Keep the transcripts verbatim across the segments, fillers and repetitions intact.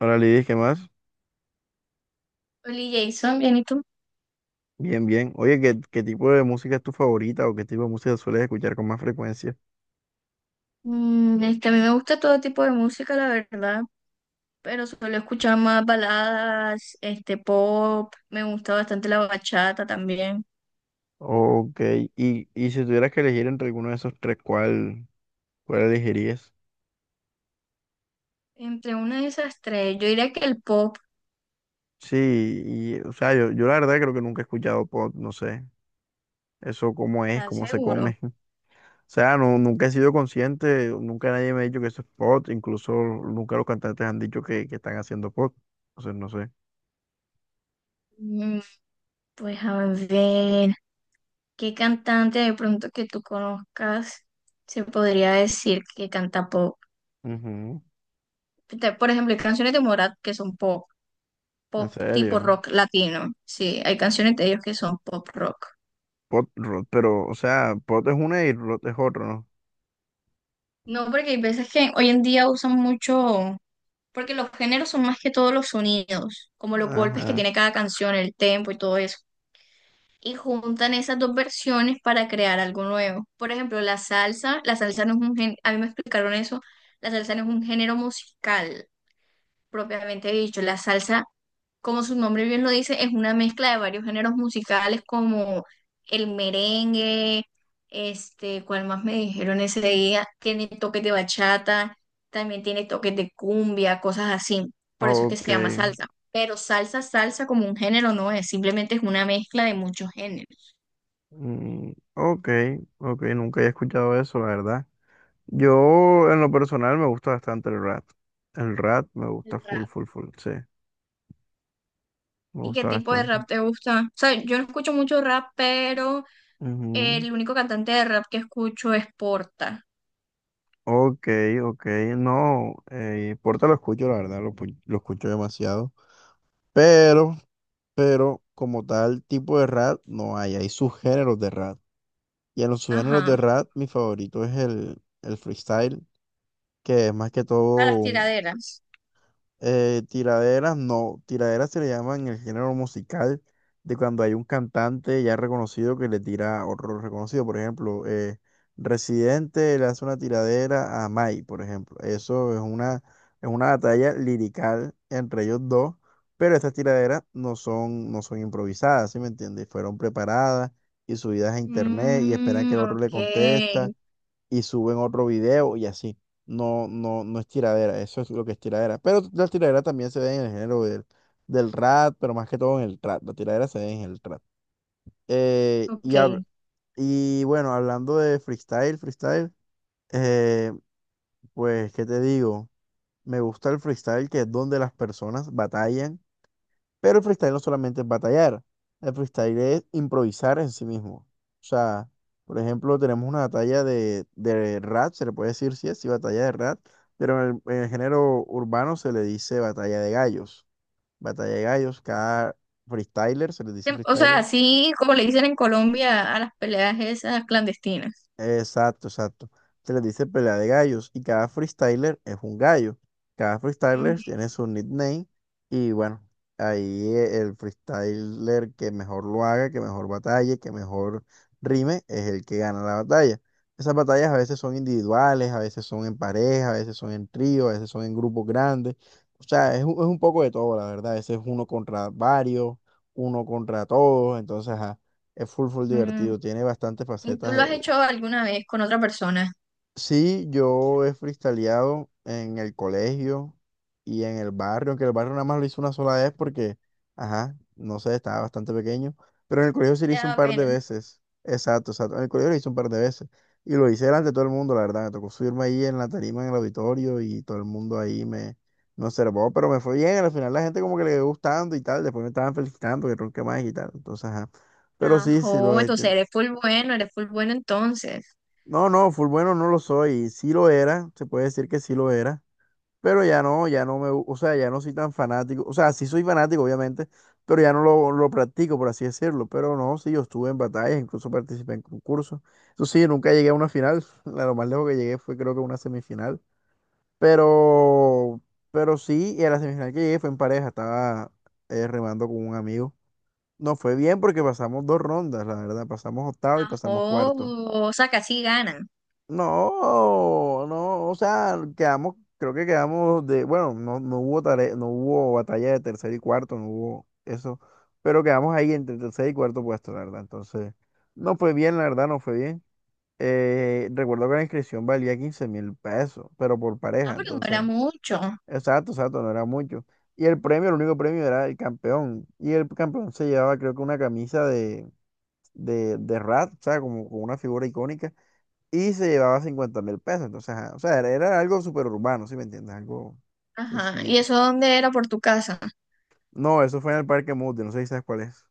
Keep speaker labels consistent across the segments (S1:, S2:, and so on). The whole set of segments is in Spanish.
S1: Hola Lidis, ¿qué más?
S2: Oli Jason, bien, ¿y tú?
S1: Bien, bien. Oye, ¿qué, qué tipo de música es tu favorita o qué tipo de música sueles escuchar con más frecuencia?
S2: Mm, este, a mí me gusta todo tipo de música, la verdad, pero suelo escuchar más baladas, este, pop, me gusta bastante la bachata también.
S1: Ok, y, y si tuvieras que elegir entre alguno de esos tres, ¿cuál, cuál elegirías?
S2: Entre una de esas tres, yo diría que el pop.
S1: Sí, y, o sea, yo, yo la verdad creo que nunca he escuchado pop, no sé, eso cómo es,
S2: ¿Estás
S1: cómo se
S2: seguro?
S1: come. O sea, no, nunca he sido consciente, nunca nadie me ha dicho que eso es pop, incluso nunca los cantantes han dicho que, que están haciendo pop, entonces no sé.
S2: Mm, pues a ver, ¿qué cantante de pronto que tú conozcas se podría decir que canta pop?
S1: Ujú.
S2: Te- Por ejemplo, hay canciones de Morat que son pop,
S1: ¿En
S2: pop tipo
S1: serio?
S2: rock latino, sí, hay canciones de ellos que son pop rock.
S1: Pot Rot, pero, o sea, Pot es una y Rot es otro, ¿no?
S2: No, porque hay veces que hoy en día usan mucho, porque los géneros son más que todos los sonidos, como los golpes que
S1: Ajá.
S2: tiene cada canción, el tempo y todo eso. Y juntan esas dos versiones para crear algo nuevo. Por ejemplo, la salsa, la salsa no es un género, a mí me explicaron eso, la salsa no es un género musical, propiamente dicho. La salsa, como su nombre bien lo dice, es una mezcla de varios géneros musicales como el merengue, este, ¿cuál más me dijeron ese día? Tiene toques de bachata, también tiene toques de cumbia, cosas así. Por eso es que se
S1: Ok.
S2: llama salsa. Pero salsa, salsa como un género no es, simplemente es una mezcla de muchos géneros.
S1: Mm, ok, ok, nunca he escuchado eso, la verdad. Yo, en lo personal, me gusta bastante el rat. El rat me gusta
S2: El
S1: full,
S2: rap.
S1: full, full, sí. Me
S2: ¿Y qué
S1: gusta
S2: tipo de
S1: bastante.
S2: rap te gusta? O sea, yo no escucho mucho rap, pero
S1: Ujú.
S2: el único cantante de rap que escucho es Porta.
S1: Ok, ok, no, eh, Porta lo escucho, la verdad, lo, pu- lo escucho demasiado. Pero, pero, como tal tipo de rap no hay, hay subgéneros de rap. Y en los subgéneros de
S2: Ajá,
S1: rap, mi favorito es el, el freestyle, que es más que
S2: a
S1: todo
S2: las
S1: un,
S2: tiraderas.
S1: eh, tiraderas, no, tiraderas se le llama en el género musical, de cuando hay un cantante ya reconocido que le tira a otro reconocido, por ejemplo, eh, Residente le hace una tiradera a Mai, por ejemplo. Eso es una, es una batalla lirical entre ellos dos, pero estas tiraderas no son, no son improvisadas, ¿sí me entiendes? Fueron preparadas y subidas a internet y esperan que
S2: Mm,
S1: el otro le
S2: ok,
S1: conteste y suben otro video y así. No, no, no es tiradera, eso es lo que es tiradera. Pero la tiradera también se ve en el género del, del rap, pero más que todo en el trap. La tiradera se ve en el trap. Eh, y, hab-
S2: ok.
S1: y bueno, hablando de freestyle, freestyle, eh, pues, ¿qué te digo? Me gusta el freestyle, que es donde las personas batallan, pero el freestyle no solamente es batallar, el freestyle es improvisar en sí mismo. O sea, por ejemplo, tenemos una batalla de, de rap, se le puede decir sí es, sí, batalla de rap, pero en el, en el género urbano se le dice batalla de gallos. Batalla de gallos, cada freestyler se le dice
S2: Tem- O sea,
S1: freestyler.
S2: así como le dicen en Colombia a las peleas esas clandestinas.
S1: Exacto, exacto. Se les dice pelea de gallos y cada freestyler es un gallo. Cada freestyler
S2: Ujú.
S1: tiene su nickname y bueno, ahí eh, el freestyler que mejor lo haga, que mejor batalle, que mejor rime, es el que gana la batalla. Esas batallas a veces son individuales, a veces son en pareja, a veces son en trío, a veces son en grupos grandes. O sea, es un, es un poco de todo, la verdad. A veces uno contra varios, uno contra todos, entonces, ajá, es full, full
S2: Mm,
S1: divertido. Tiene bastantes
S2: ¿y tú
S1: facetas
S2: lo has
S1: eh,
S2: hecho alguna vez con otra persona?
S1: Sí, yo he freestyleado en el colegio y en el barrio, aunque el barrio nada más lo hice una sola vez porque, ajá, no sé, estaba bastante pequeño, pero en el colegio sí lo
S2: Te
S1: hice un
S2: da
S1: par de
S2: pena.
S1: veces, exacto, exacto, en el colegio lo hice un par de veces y lo hice delante de todo el mundo, la verdad, me tocó subirme ahí en la tarima, en el auditorio y todo el mundo ahí me, me observó, pero me fue bien, al final la gente como que le quedó gustando y tal, después me estaban felicitando que ronqué más y tal, entonces, ajá, pero sí, sí lo
S2: Ajo,
S1: he
S2: entonces
S1: hecho.
S2: eres full bueno, eres full bueno entonces.
S1: No, no, full bueno no lo soy. Sí lo era, se puede decir que sí lo era, pero ya no, ya no me, gu- o sea, ya no soy tan fanático. O sea, sí soy fanático, obviamente, pero ya no lo, lo practico, por así decirlo. Pero no, sí, yo estuve en batallas, incluso participé en concursos. Eso sí, nunca llegué a una final. La- Lo más lejos que llegué fue creo que una semifinal. Pero, pero sí, y a la semifinal que llegué fue en pareja, estaba eh, remando con un amigo. No fue bien porque pasamos dos rondas, la verdad, pasamos octavo y
S2: Ajo,
S1: pasamos cuarto.
S2: o sea, casi ganan.
S1: No, no, o sea, quedamos, creo que quedamos de, bueno, no, no hubo tare- no hubo batalla de tercer y cuarto, no hubo eso, pero quedamos ahí entre tercer y cuarto puesto, la verdad. Entonces, no fue bien, la verdad, no fue bien. Eh, recuerdo que la inscripción valía quince mil pesos, pero por
S2: Ah,
S1: pareja,
S2: pero no
S1: entonces,
S2: era mucho.
S1: exacto, exacto, no era mucho. Y el premio, el único premio era el campeón, y el campeón se llevaba, creo que una camisa de, de, de Rat, o sea, como, como una figura icónica y se llevaba cincuenta mil pesos. Entonces, ajá, o sea, era, era algo súper urbano, ¿sí me entiendes? Algo
S2: Ajá, ¿y
S1: sencillito.
S2: eso dónde era? ¿Por tu casa?
S1: No, eso fue en el Parque Mundi, no sé si sabes cuál es.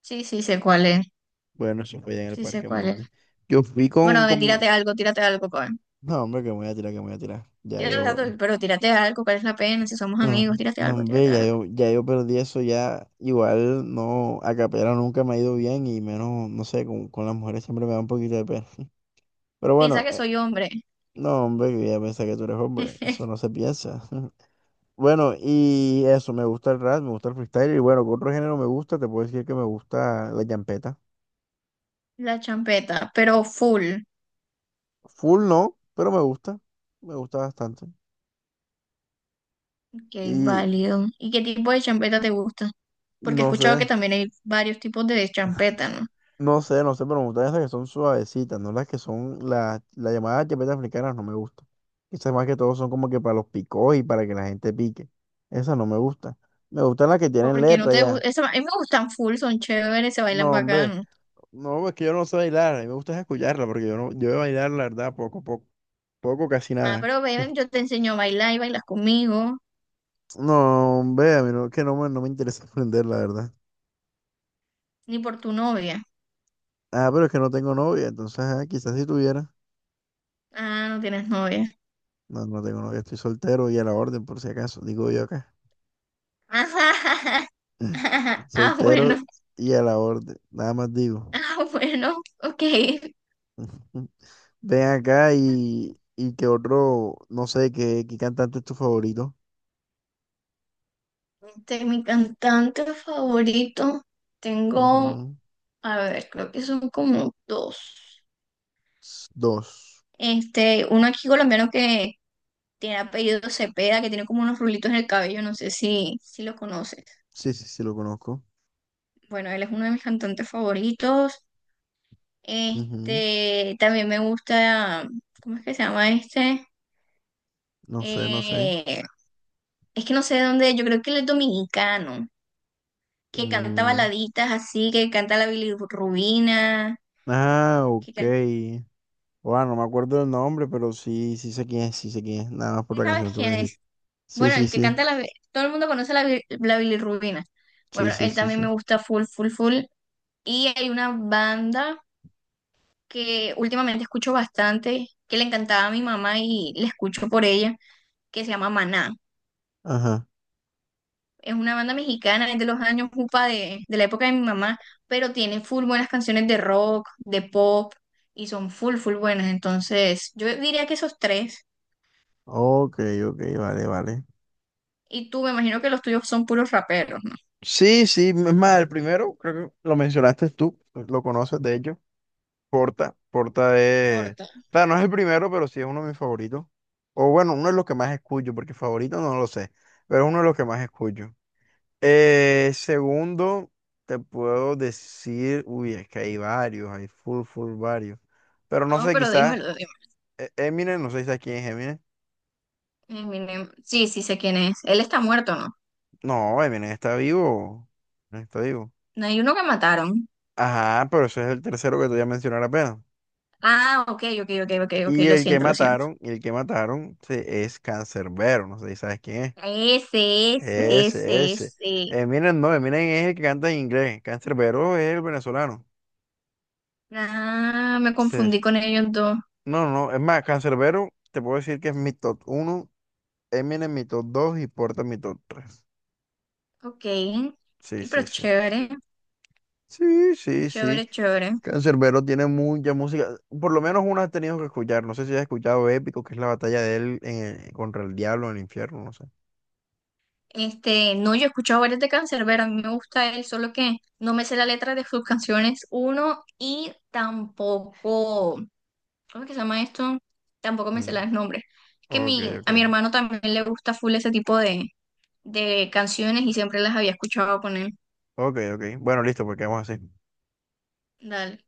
S2: Sí, sí, sé cuál es.
S1: Bueno, eso fue ya en el
S2: Sí, sé
S1: Parque
S2: cuál es.
S1: Mundi. Yo fui
S2: Bueno,
S1: con,
S2: ve, tírate
S1: con...
S2: algo, tírate algo, pues.
S1: No, hombre, que me voy a tirar, que me voy a tirar. Ya
S2: Tírate los
S1: yo...
S2: datos, pero tírate algo, ¿cuál es la pena? Si somos
S1: No,
S2: amigos, tírate
S1: no,
S2: algo,
S1: hombre,
S2: tírate
S1: ya
S2: algo.
S1: yo, ya yo perdí eso ya. Igual no, a capela nunca me ha ido bien y menos, no sé, con, con las mujeres siempre me da un poquito de pena. Pero
S2: Piensa
S1: bueno,
S2: que
S1: eh,
S2: soy hombre.
S1: no, hombre, que ya pensé que tú eres hombre, eso no se piensa. Bueno, y eso, me gusta el rap, me gusta el freestyle, y bueno, ¿qué otro género me gusta? Te puedo decir que me gusta la champeta.
S2: La champeta, pero full.
S1: Full no, pero me gusta, me gusta bastante.
S2: Ok,
S1: Y
S2: válido. ¿Y qué tipo de champeta te gusta? Porque he
S1: no
S2: escuchado
S1: sé,
S2: que también hay varios tipos de champeta, ¿no?
S1: no sé, no sé, pero me gustan esas que son suavecitas, no las que son, las la llamadas champetas africanas no me gusta. Esas más que todo son como que para los picos y para que la gente pique. Esas no me gustan. Me gustan las que tienen
S2: Porque no
S1: letra
S2: te
S1: ya.
S2: gusta. A mí me gustan full, son chéveres, se bailan
S1: No, hombre,
S2: bacano.
S1: no, es que yo no sé bailar, a mí me gusta es escucharla, porque yo no, yo de bailar, la verdad, poco, poco, poco, casi
S2: Ah,
S1: nada.
S2: pero ven, yo te enseño a bailar y bailas conmigo.
S1: No, hombre, a vea, mira, que no, me- no me interesa aprender, la verdad.
S2: Ni por tu novia.
S1: Ah, pero es que no tengo novia, entonces ah, quizás si tuviera.
S2: Ah, no tienes novia.
S1: No, no tengo novia, estoy soltero y a la orden, por si acaso, digo yo acá.
S2: Ah,
S1: Soltero
S2: bueno.
S1: y a la orden, nada más digo.
S2: Ah, bueno. Ok.
S1: Ven acá y, y qué otro, no sé, qué, qué cantante es tu favorito.
S2: De mi cantante favorito tengo,
S1: Ujú.
S2: a ver, creo que son como dos.
S1: S- Dos.
S2: Este, uno aquí colombiano que tiene apellido Cepeda, que tiene como unos rulitos en el cabello, no sé si, si lo conoces.
S1: Sí, sí, sí, lo conozco.
S2: Bueno, él es uno de mis cantantes favoritos.
S1: Ujú.
S2: Este, también me gusta, ¿cómo es que se llama este?
S1: No sé, no sé.
S2: Eh, es que no sé de dónde, yo creo que él es dominicano, que canta
S1: Mm,
S2: baladitas así, que canta la bilirrubina,
S1: ah,
S2: que
S1: ok.
S2: can-
S1: Bueno, no me acuerdo del nombre, pero sí, sí sé quién es, sí sé quién es, nada más por la
S2: ¿sabes
S1: canción que me
S2: quién
S1: dijiste.
S2: es?
S1: Sí,
S2: Bueno,
S1: sí,
S2: el que
S1: sí,
S2: canta la... Todo el mundo conoce la, bi- la bilirrubina.
S1: sí,
S2: Bueno,
S1: sí,
S2: él
S1: sí,
S2: también me
S1: sí.
S2: gusta full, full, full. Y hay una banda que últimamente escucho bastante, que le encantaba a mi mamá y la escucho por ella, que se llama Maná.
S1: Ajá.
S2: Es una banda mexicana, es de los años upa de, de la época de mi mamá, pero tiene full buenas canciones de rock, de pop, y son full, full buenas. Entonces, yo diría que esos tres,
S1: Ok, ok, vale, vale.
S2: y tú me imagino que los tuyos son puros raperos, no.
S1: Sí, sí, es más, el primero, creo que lo mencionaste tú, pues, lo conoces de hecho, Porta. Porta
S2: No
S1: es, o
S2: importa.
S1: sea, no es el primero, pero sí es uno de mis favoritos. O bueno, uno de los que más escucho, porque favorito no lo sé, pero es uno de los que más escucho. Eh, segundo, te puedo decir, uy, es que hay varios, hay full, full varios. Pero no
S2: No,
S1: sé,
S2: pero
S1: quizás
S2: dímelo,
S1: eh, Eminem, no sé si sabes quién es Eminem.
S2: Eminem. Sí, sí sé quién es. Él está muerto, ¿no?
S1: No, Eminem está vivo. Eminem está vivo.
S2: No hay uno que mataron.
S1: Ajá, pero ese es el tercero que te voy a mencionar apenas.
S2: Ah, ok, ok, ok, ok, ok,
S1: Y
S2: lo
S1: el que
S2: siento, lo siento.
S1: mataron, y el que mataron sí, es Cancerbero, no sé si sabes quién es.
S2: Ese, ese,
S1: Ese,
S2: ese,
S1: ese.
S2: ese.
S1: Eminem no, Eminem es el que canta en inglés. Cancerbero es el venezolano.
S2: Ah, me
S1: Sí.
S2: confundí con ellos dos.
S1: No, no, no, es más, Cancerbero, te puedo decir que es mi top uno. Eminem mi top dos y Porta mi top tres.
S2: Ok.
S1: Sí,
S2: Y pero
S1: sí, sí.
S2: chévere,
S1: Sí, sí, sí.
S2: chévere, chévere.
S1: Canserbero tiene mucha música. Por lo menos una has tenido que escuchar. No sé si has escuchado Épico, que es la batalla de él en- contra el diablo en el infierno, no sé.
S2: Este, no, yo he escuchado varias de Canserbero, a mí me gusta él, solo que no me sé la letra de sus canciones, uno, y tampoco, ¿cómo es que se llama esto? Tampoco me sé
S1: Mm,
S2: los nombres. Es que
S1: ok,
S2: mi,
S1: ok.
S2: a mi hermano también le gusta full ese tipo de, de canciones y siempre las había escuchado poner.
S1: Ok, ok. Bueno, listo, pues quedamos así.
S2: Dale.